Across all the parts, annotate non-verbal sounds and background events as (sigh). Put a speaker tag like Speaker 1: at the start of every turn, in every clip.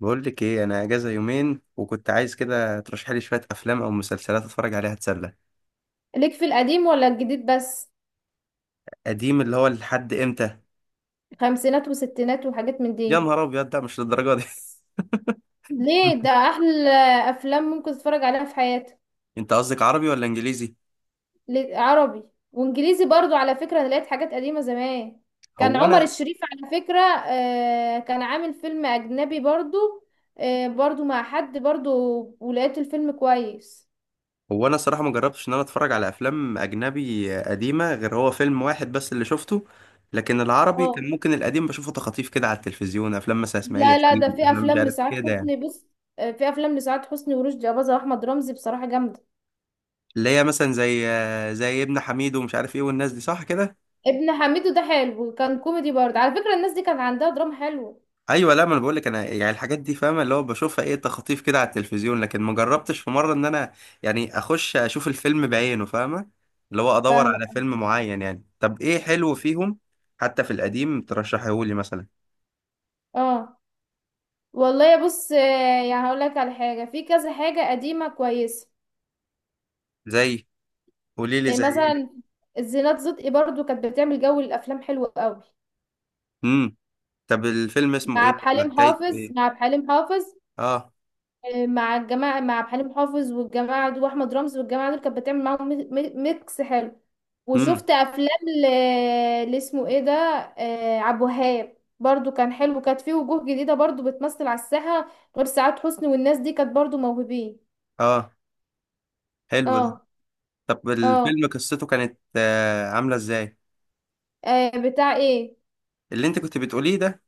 Speaker 1: بقول لك ايه، انا اجازه يومين وكنت عايز كده ترشح لي شويه افلام او مسلسلات اتفرج عليها اتسلى.
Speaker 2: ليك في القديم ولا الجديد بس؟
Speaker 1: قديم اللي هو لحد امتى؟
Speaker 2: خمسينات وستينات وحاجات من
Speaker 1: يا
Speaker 2: دي.
Speaker 1: نهار ابيض، ده مش للدرجه دي.
Speaker 2: ليه؟ ده
Speaker 1: (laughs)
Speaker 2: احلى. افلام ممكن تتفرج عليها في حياتك.
Speaker 1: انت قصدك عربي ولا انجليزي؟
Speaker 2: ليه؟ عربي. وانجليزي برضو على فكرة انا لقيت حاجات قديمة زمان. كان
Speaker 1: هو
Speaker 2: عمر
Speaker 1: انا
Speaker 2: الشريف على فكرة كان عامل فيلم اجنبي برضو. آه، برضو مع حد برضو. ولقيت الفيلم كويس.
Speaker 1: هو انا صراحه ما جربتش ان انا اتفرج على افلام اجنبي قديمه غير هو فيلم واحد بس اللي شفته. لكن العربي
Speaker 2: اه.
Speaker 1: كان ممكن القديم بشوفه تخاطيف كده على التلفزيون، افلام مثلا اسماعيل
Speaker 2: لا لا، ده
Speaker 1: ياسين،
Speaker 2: في
Speaker 1: افلام مش
Speaker 2: افلام
Speaker 1: عارف
Speaker 2: لسعاد
Speaker 1: كده يعني.
Speaker 2: حسني، بص. آه، في افلام لسعاد حسني ورشدي اباظة واحمد رمزي بصراحة جامدة.
Speaker 1: اللي هي مثلا زي ابن حميد ومش عارف ايه والناس دي، صح كده؟
Speaker 2: ابن حميدو ده حلو، كان كوميدي برضه، على فكرة الناس دي كان عندها دراما حلوة.
Speaker 1: ايوه، لا ما انا بقول لك، انا يعني الحاجات دي فاهمه، اللي هو بشوفها ايه تخطيف كده على التلفزيون، لكن ما جربتش في مره ان انا يعني اخش اشوف الفيلم بعينه، فاهمه؟ اللي هو ادور
Speaker 2: فاهمة.
Speaker 1: على فيلم معين. يعني طب ايه حلو فيهم؟ حتى في القديم ترشحيهولي مثلا.
Speaker 2: اه. والله يا بص، يعني هقول لك على حاجة، في كذا حاجة قديمة كويسة.
Speaker 1: زي قولي لي
Speaker 2: يعني
Speaker 1: زي ايه؟
Speaker 2: مثلا الزينات صدقي برضه كانت بتعمل جو الأفلام حلو قوي.
Speaker 1: امم طب الفيلم
Speaker 2: مع
Speaker 1: اسمه
Speaker 2: عبد
Speaker 1: ايه، ولا
Speaker 2: الحليم
Speaker 1: حكايته
Speaker 2: حافظ
Speaker 1: ايه؟
Speaker 2: مع عبد الحليم حافظ
Speaker 1: اه.
Speaker 2: مع الجماعة، مع عبد الحليم حافظ والجماعة دول وأحمد رمزي والجماعة دول، كانت بتعمل معاهم ميكس حلو.
Speaker 1: امم
Speaker 2: وشفت أفلام اللي اسمه ايه ده. عبد الوهاب برضو كان حلو، كانت فيه وجوه جديدة برضو بتمثل على الساحة غير سعاد حسني، والناس دي كانت برضو موهوبين.
Speaker 1: اه، حلو ده.
Speaker 2: اه.
Speaker 1: طب
Speaker 2: اه.
Speaker 1: الفيلم قصته كانت عامله ازاي؟
Speaker 2: بتاع ايه؟
Speaker 1: اللي انت كنت بتقوليه ده.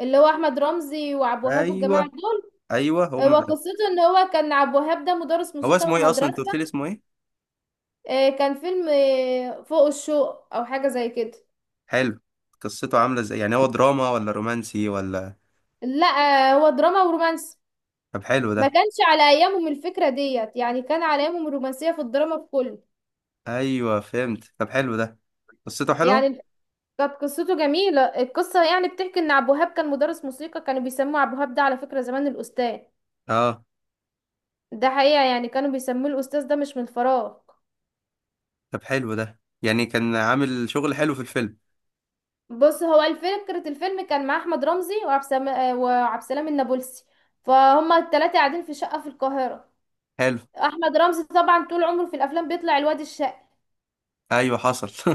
Speaker 2: اللي هو أحمد رمزي وعبد الوهاب والجماعة
Speaker 1: ايوه،
Speaker 2: دول.
Speaker 1: ايوه هو.
Speaker 2: وقصته ان هو كان عبد الوهاب ده مدرس
Speaker 1: هو
Speaker 2: موسيقى
Speaker 1: اسمه
Speaker 2: في
Speaker 1: ايه اصلا، انت
Speaker 2: مدرسة.
Speaker 1: قلت لي اسمه ايه؟
Speaker 2: كان فيلم فوق الشوق او حاجة زي كده.
Speaker 1: حلو. قصته عاملة ازاي، يعني هو دراما ولا رومانسي ولا؟
Speaker 2: لا، هو دراما ورومانس.
Speaker 1: طب حلو
Speaker 2: ما
Speaker 1: ده.
Speaker 2: كانش على ايامهم الفكرة ديت، يعني كان على ايامهم الرومانسية في الدراما في كل.
Speaker 1: ايوه فهمت، طب حلو ده، قصته حلوة.
Speaker 2: يعني كانت قصته جميلة، القصة يعني بتحكي ان عبد الوهاب كان مدرس موسيقى، كانوا بيسموه عبد الوهاب ده على فكرة زمان الأستاذ.
Speaker 1: اه.
Speaker 2: ده حقيقة، يعني كانوا بيسموه الأستاذ ده مش من الفراغ.
Speaker 1: طب حلو ده، يعني كان عامل شغل حلو في الفيلم.
Speaker 2: بص، هو الفكرة الفيلم كان مع أحمد رمزي وعبد السلام، وعبد السلام النابلسي فهما التلاتة قاعدين في شقة في القاهرة.
Speaker 1: حلو.
Speaker 2: أحمد رمزي طبعا طول عمره في الأفلام بيطلع الواد الشقي.
Speaker 1: ايوه حصل.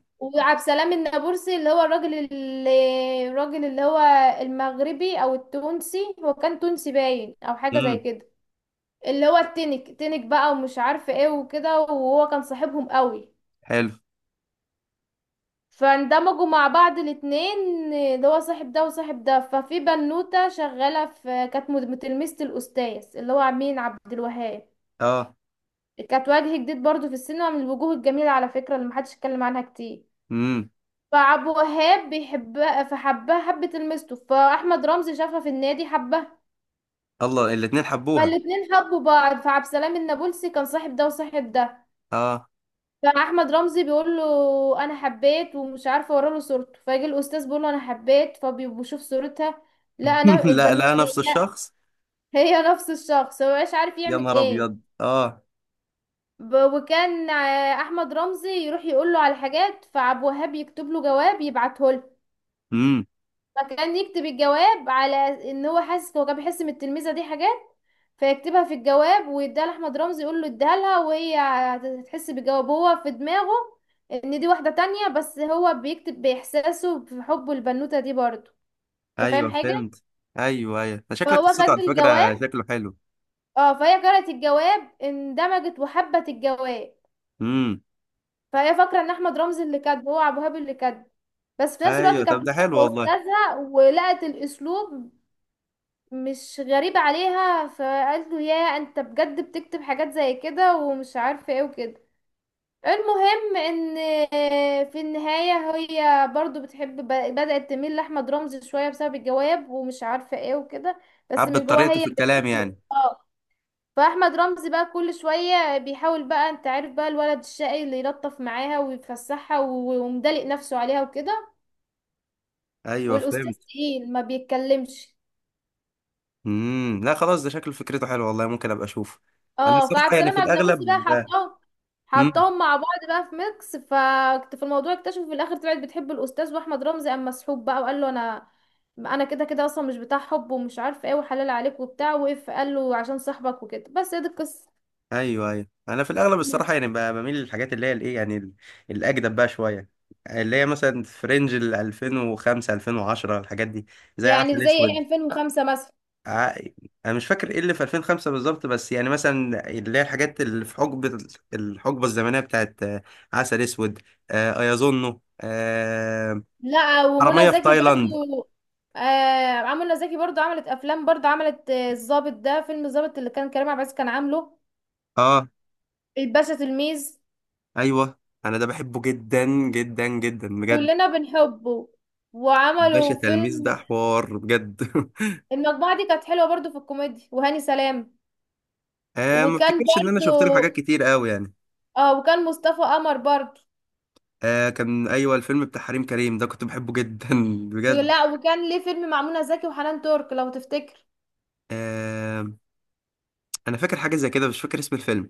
Speaker 1: (laughs)
Speaker 2: وعبد السلام النابلسي اللي هو الراجل اللي هو المغربي او التونسي، هو كان تونسي باين او حاجه زي
Speaker 1: امم
Speaker 2: كده. اللي هو التنك تنك بقى ومش عارفه ايه وكده، وهو كان صاحبهم قوي.
Speaker 1: حلو.
Speaker 2: فاندمجوا مع بعض الاتنين اللي هو صاحب ده وصاحب ده. ففي بنوته شغاله في، كانت تلميذه الاستاذ اللي هو مين، عبد الوهاب.
Speaker 1: اه.
Speaker 2: كانت وجه جديد برضو في السينما من الوجوه الجميله على فكره، اللي محدش اتكلم عنها كتير.
Speaker 1: امم
Speaker 2: فعبد الوهاب بيحبها، فحبها حبة المستو. فأحمد رمزي شافها في النادي حبها.
Speaker 1: الله، الاتنين حبوها؟
Speaker 2: فالاتنين حبوا بعض. فعبد السلام النابلسي كان صاحب ده وصاحب ده.
Speaker 1: اه.
Speaker 2: فأحمد رمزي بيقول له أنا حبيت ومش عارفة، أورا له صورته. فيجي الأستاذ بيقول له أنا حبيت فبيشوف صورتها. لا،
Speaker 1: (laughs)
Speaker 2: أنا
Speaker 1: لا
Speaker 2: البنوتة
Speaker 1: لا، نفس
Speaker 2: دي، لا.
Speaker 1: الشخص.
Speaker 2: هي نفس الشخص، هو مش عارف
Speaker 1: يا
Speaker 2: يعمل
Speaker 1: نهار
Speaker 2: إيه.
Speaker 1: ابيض اه.
Speaker 2: وكان أحمد رمزي يروح يقول له على حاجات، فعبد الوهاب يكتب له جواب يبعته.
Speaker 1: امم
Speaker 2: فكان يكتب الجواب على ان هو كان بيحس ان التلميذه دي حاجات، فيكتبها في الجواب ويديها لاحمد رمزي، يقول له اديها لها وهي هتحس بالجواب، هو في دماغه ان دي واحده تانية بس هو بيكتب باحساسه في حبه للبنوته دي برضه. انت فاهم
Speaker 1: ايوه
Speaker 2: حاجه؟
Speaker 1: فهمت. ايوه ايوه، ده شكل
Speaker 2: فهو
Speaker 1: قصته
Speaker 2: خد
Speaker 1: على فكرة
Speaker 2: الجواب.
Speaker 1: شكله حلو.
Speaker 2: اه، فهي قرأت الجواب، اندمجت وحبت الجواب.
Speaker 1: امم
Speaker 2: فهي فاكره ان احمد رمزي اللي كاتبه، هو ابو هاب اللي كاتبه. بس في نفس الوقت
Speaker 1: ايوه طب
Speaker 2: كانت
Speaker 1: ده
Speaker 2: بتحب
Speaker 1: حلو والله.
Speaker 2: استاذها، ولقت الاسلوب مش غريبة عليها. فقال له يا انت بجد بتكتب حاجات زي كده ومش عارفة ايه وكده. المهم ان في النهاية هي برضو بتحب، بدأت تميل لأحمد رمزي شوية بسبب الجواب ومش عارفة ايه وكده، بس من
Speaker 1: عبت
Speaker 2: جواها
Speaker 1: طريقته في
Speaker 2: هي
Speaker 1: الكلام
Speaker 2: بتحب،
Speaker 1: يعني.
Speaker 2: اه. فأحمد رمزي بقى كل شوية بيحاول بقى، انت عارف بقى الولد الشقي اللي يلطف معاها ويفسحها ومدلق نفسه عليها وكده.
Speaker 1: ايوه
Speaker 2: والأستاذ
Speaker 1: فهمت.
Speaker 2: تقيل، ما بيتكلمش.
Speaker 1: لا خلاص، ده شكل فكرته حلوه والله، ممكن ابقى اشوف. انا
Speaker 2: اه، فعبد
Speaker 1: الصراحه يعني في
Speaker 2: السلام عجنبوسي بقى
Speaker 1: الاغلب. امم
Speaker 2: حطاهم مع بعض بقى في ميكس. ففي الموضوع اكتشفوا في الاخر طلعت بتحب الاستاذ، واحمد رمزي قام مسحوب بقى وقال له انا، انا كده كده اصلا مش بتاع حب ومش عارف ايه وحلال عليك وبتاع، وقف قال له عشان صاحبك وكده. بس هي دي القصه.
Speaker 1: ايوه ايوه، انا في الاغلب الصراحه يعني بميل للحاجات اللي هي الايه، يعني الاجدد بقى شويه. اللي هي مثلا في رينج ال 2005 2010، الحاجات دي زي
Speaker 2: يعني
Speaker 1: عسل
Speaker 2: زي ايه،
Speaker 1: اسود.
Speaker 2: 2005 مثلا؟
Speaker 1: ع- انا مش فاكر ايه اللي في 2005 بالظبط، بس يعني مثلا اللي هي الحاجات اللي في حقبه، الحقبه الزمنيه بتاعت عسل اسود، ايظنه،
Speaker 2: لا، ومنى
Speaker 1: حراميه في
Speaker 2: زكي
Speaker 1: تايلاند.
Speaker 2: برضو. منى زكي برضو عملت افلام، برضو عملت الضابط، ده فيلم الضابط اللي كان كريم عبد العزيز كان عامله.
Speaker 1: اه.
Speaker 2: الباشا تلميذ،
Speaker 1: ايوه، انا ده بحبه جدا، جدا بجد.
Speaker 2: كلنا بنحبه.
Speaker 1: باشا
Speaker 2: وعملوا
Speaker 1: تلميذ ده
Speaker 2: فيلم،
Speaker 1: حوار بجد. (laughs)
Speaker 2: المجموعة دي كانت حلوة برضو في الكوميديا، وهاني سلام.
Speaker 1: آه، ما
Speaker 2: وكان
Speaker 1: افتكرش ان انا شفت له
Speaker 2: برضو،
Speaker 1: حاجات كتير قوي يعني.
Speaker 2: اه، وكان مصطفى قمر برضو.
Speaker 1: آه كان، ايوه الفيلم بتاع حريم كريم ده كنت بحبه جدا. (laughs) بجد.
Speaker 2: لا، وكان ليه فيلم مع منى زكي وحنان ترك لو تفتكر.
Speaker 1: آه، انا فاكر حاجه زي كده، مش فاكر اسم الفيلم.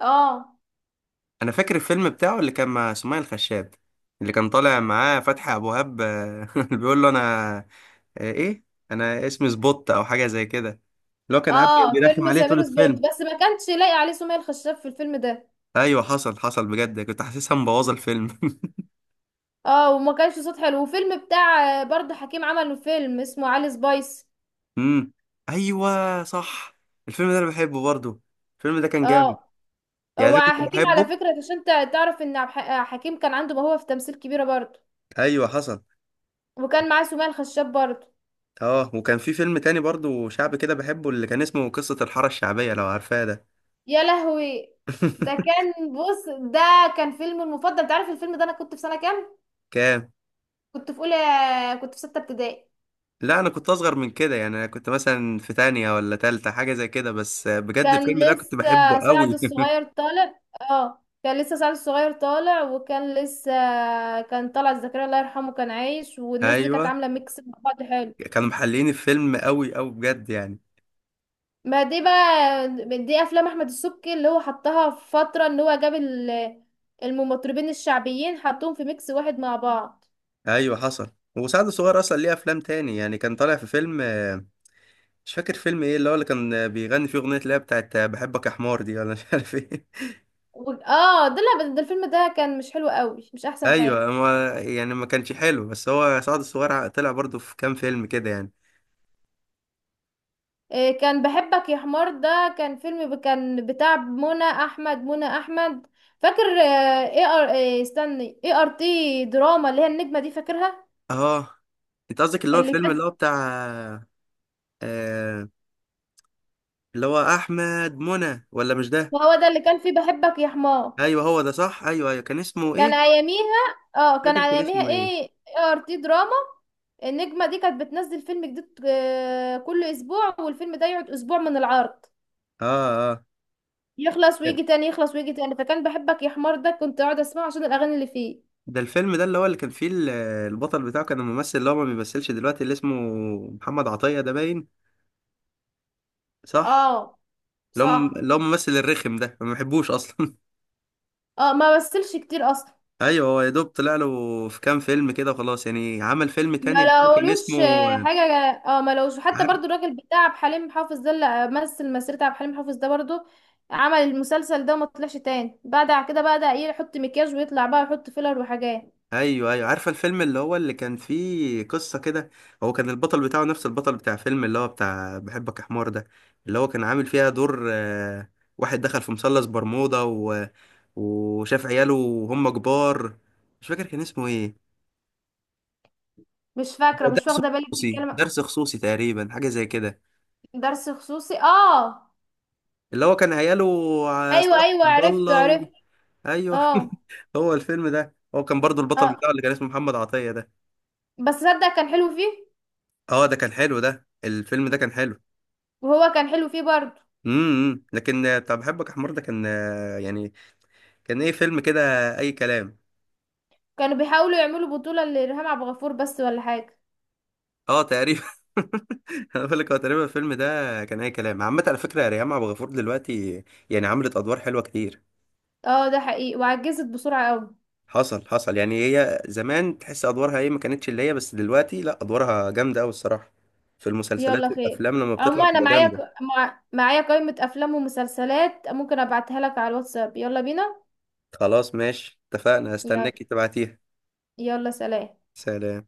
Speaker 2: اه.
Speaker 1: انا فاكر الفيلم بتاعه اللي كان مع سمية الخشاب، اللي كان طالع معاه فتحي ابو وهاب، (laughs) اللي بيقول له انا، آه ايه انا اسمي سبوت او حاجه زي كده، اللي هو كان قاعد
Speaker 2: اه.
Speaker 1: بيرخم
Speaker 2: فيلم
Speaker 1: عليه طول
Speaker 2: سمير سبوت،
Speaker 1: الفيلم.
Speaker 2: بس ما كانش لاقي عليه سمية الخشاب في الفيلم ده.
Speaker 1: ايوه حصل حصل بجد، كنت حاسسها مبوظه الفيلم.
Speaker 2: اه، وما كانش صوت حلو. وفيلم بتاع برضو حكيم، عمله فيلم اسمه علي سبايس.
Speaker 1: امم ايوه صح، الفيلم ده انا بحبه برضو، الفيلم ده كان جامد.
Speaker 2: اه.
Speaker 1: يعني
Speaker 2: هو
Speaker 1: ده كنت
Speaker 2: حكيم على
Speaker 1: بحبه.
Speaker 2: فكرة عشان تعرف ان حكيم كان عنده موهبة في تمثيل كبيرة برضو.
Speaker 1: ايوه حصل.
Speaker 2: وكان معاه سمية الخشاب برضه.
Speaker 1: اه، وكان في فيلم تاني برضو شعبي كده بحبه، اللي كان اسمه قصة الحارة الشعبية، لو عارفاه ده.
Speaker 2: يا لهوي.
Speaker 1: (laughs)
Speaker 2: ده كان فيلم المفضل. انت عارف الفيلم ده انا كنت في سنة كام؟
Speaker 1: كام؟
Speaker 2: كنت في اولى، كنت في ستة ابتدائي.
Speaker 1: لا انا كنت اصغر من كده، يعني انا كنت مثلا في تانية ولا تالتة، حاجة زي كده، بس بجد
Speaker 2: كان
Speaker 1: الفيلم ده كنت بحبه
Speaker 2: لسه سعد
Speaker 1: قوي.
Speaker 2: الصغير طالع، اه، كان لسه سعد الصغير طالع وكان لسه، كان طلعت زكريا الله يرحمه كان عايش،
Speaker 1: (laughs)
Speaker 2: والناس دي كانت
Speaker 1: ايوه.
Speaker 2: عاملة ميكس مع بعض حلو.
Speaker 1: كانوا محللين الفيلم قوي قوي بجد يعني.
Speaker 2: ما دي بقى، دي افلام احمد السبكي اللي هو حطها في فترة ان هو جاب المطربين الشعبيين، حطهم في ميكس واحد مع بعض.
Speaker 1: ايوه حصل. وسعد الصغير اصلا ليه افلام تاني، يعني كان طالع في فيلم، مش فاكر فيلم ايه اللي هو اللي كان بيغني فيه اغنيه، اللي هي بتاعت بحبك يا حمار دي، ولا مش عارف ايه.
Speaker 2: اه، ده لا بس ده الفيلم ده كان مش حلو قوي، مش
Speaker 1: (laughs)
Speaker 2: احسن حاجة.
Speaker 1: ايوه، ما يعني ما كانش حلو، بس هو سعد الصغير طلع برضو في كام فيلم كده يعني.
Speaker 2: إيه؟ كان بحبك يا حمار ده، كان فيلم كان بتاع منى احمد فاكر، ايه ار تي دراما، اللي هي النجمة دي، فاكرها؟
Speaker 1: اه، انت قصدك اللي هو
Speaker 2: اللي
Speaker 1: الفيلم اللي
Speaker 2: كان،
Speaker 1: هو بتاع، آه، اللي هو احمد منى، ولا مش ده؟
Speaker 2: ما هو ده اللي كان فيه بحبك يا حمار.
Speaker 1: ايوه هو ده صح، ايوه ايوه، كان اسمه
Speaker 2: كان
Speaker 1: ايه؟
Speaker 2: اياميها اه،
Speaker 1: مش
Speaker 2: كان
Speaker 1: فاكر كان
Speaker 2: اياميها
Speaker 1: اسمه
Speaker 2: ايه
Speaker 1: ايه.
Speaker 2: ايه ار تي دراما. النجمة دي كانت بتنزل فيلم جديد كل اسبوع، والفيلم ده يقعد اسبوع من العرض،
Speaker 1: اه اه.
Speaker 2: يخلص
Speaker 1: ده
Speaker 2: ويجي تاني، يخلص ويجي تاني. فكان بحبك يا حمار ده كنت اقعد اسمعه عشان الاغاني اللي فيه.
Speaker 1: ده الفيلم ده اللي هو اللي كان فيه البطل بتاعه كان الممثل اللي هو ما بيمثلش دلوقتي، اللي اسمه محمد عطية ده باين. صح.
Speaker 2: اه
Speaker 1: اللي هو
Speaker 2: صح.
Speaker 1: اللي هو الممثل الرخم ده، ما بحبوش اصلا.
Speaker 2: اه، ما مثلش كتير اصلا.
Speaker 1: (laughs) ايوه، هو يا دوب طلع له في كام فيلم كده وخلاص، يعني عمل فيلم
Speaker 2: ما
Speaker 1: تاني اللي هو كان
Speaker 2: لقولوش
Speaker 1: اسمه.
Speaker 2: حاجه. اه، ما لقوش حتى
Speaker 1: عارف.
Speaker 2: برضو الراجل بتاع عبد الحليم حافظ ده اللي مثل مسيرة عبد الحليم حافظ ده برضو، عمل المسلسل ده وما طلعش تاني بعد كده. بقى ايه، يحط مكياج ويطلع بقى، يحط فيلر وحاجات.
Speaker 1: ايوه ايوه، عارفه الفيلم اللي هو اللي كان فيه قصه كده. هو كان البطل بتاعه نفس البطل بتاع فيلم اللي هو بتاع بحبك يا حمار ده، اللي هو كان عامل فيها دور واحد دخل في مثلث برمودا و... وشاف عياله وهم كبار. مش فاكر كان اسمه ايه.
Speaker 2: مش
Speaker 1: ده
Speaker 2: فاكرة، مش
Speaker 1: درس
Speaker 2: واخدة بالي
Speaker 1: خصوصي،
Speaker 2: بتتكلم.
Speaker 1: درس خصوصي تقريبا، حاجه زي كده.
Speaker 2: درس خصوصي، اه.
Speaker 1: اللي هو كان عياله،
Speaker 2: ايوه
Speaker 1: صلاح
Speaker 2: ايوه،
Speaker 1: عبد
Speaker 2: عرفت
Speaker 1: الله و...
Speaker 2: عرفت.
Speaker 1: ايوه. (laughs)
Speaker 2: اه.
Speaker 1: هو الفيلم ده هو كان برضو البطل
Speaker 2: اه،
Speaker 1: بتاعه اللي كان اسمه محمد عطية ده.
Speaker 2: بس صدق كان حلو فيه.
Speaker 1: اه ده كان حلو، ده الفيلم ده كان حلو.
Speaker 2: وهو كان حلو فيه برضو.
Speaker 1: لكن بتاع بحبك يا حمار ده كان، يعني كان ايه فيلم كده، اي كلام.
Speaker 2: كانوا بيحاولوا يعملوا بطولة لإرهام عبد الغفور بس، ولا حاجة.
Speaker 1: اه تقريبا. (laughs) انا بقول لك، هو تقريبا الفيلم ده كان اي كلام عامه، على فكره ريهام عبد الغفور دلوقتي يعني عملت ادوار حلوه كتير.
Speaker 2: اه، ده حقيقي، وعجزت بسرعة قوي.
Speaker 1: حصل حصل، يعني هي زمان تحس ادوارها ايه، ما كانتش اللي هي، بس دلوقتي لا ادوارها جامده قوي الصراحه، في
Speaker 2: يلا
Speaker 1: المسلسلات
Speaker 2: خير.
Speaker 1: والافلام لما بتطلع
Speaker 2: اما انا
Speaker 1: بتبقى
Speaker 2: معايا
Speaker 1: جامده.
Speaker 2: معايا قائمة افلام ومسلسلات، ممكن ابعتها لك على الواتساب. يلا بينا.
Speaker 1: خلاص ماشي اتفقنا،
Speaker 2: يلا.
Speaker 1: هستناك تبعتيها.
Speaker 2: يلا، سلام.
Speaker 1: سلام.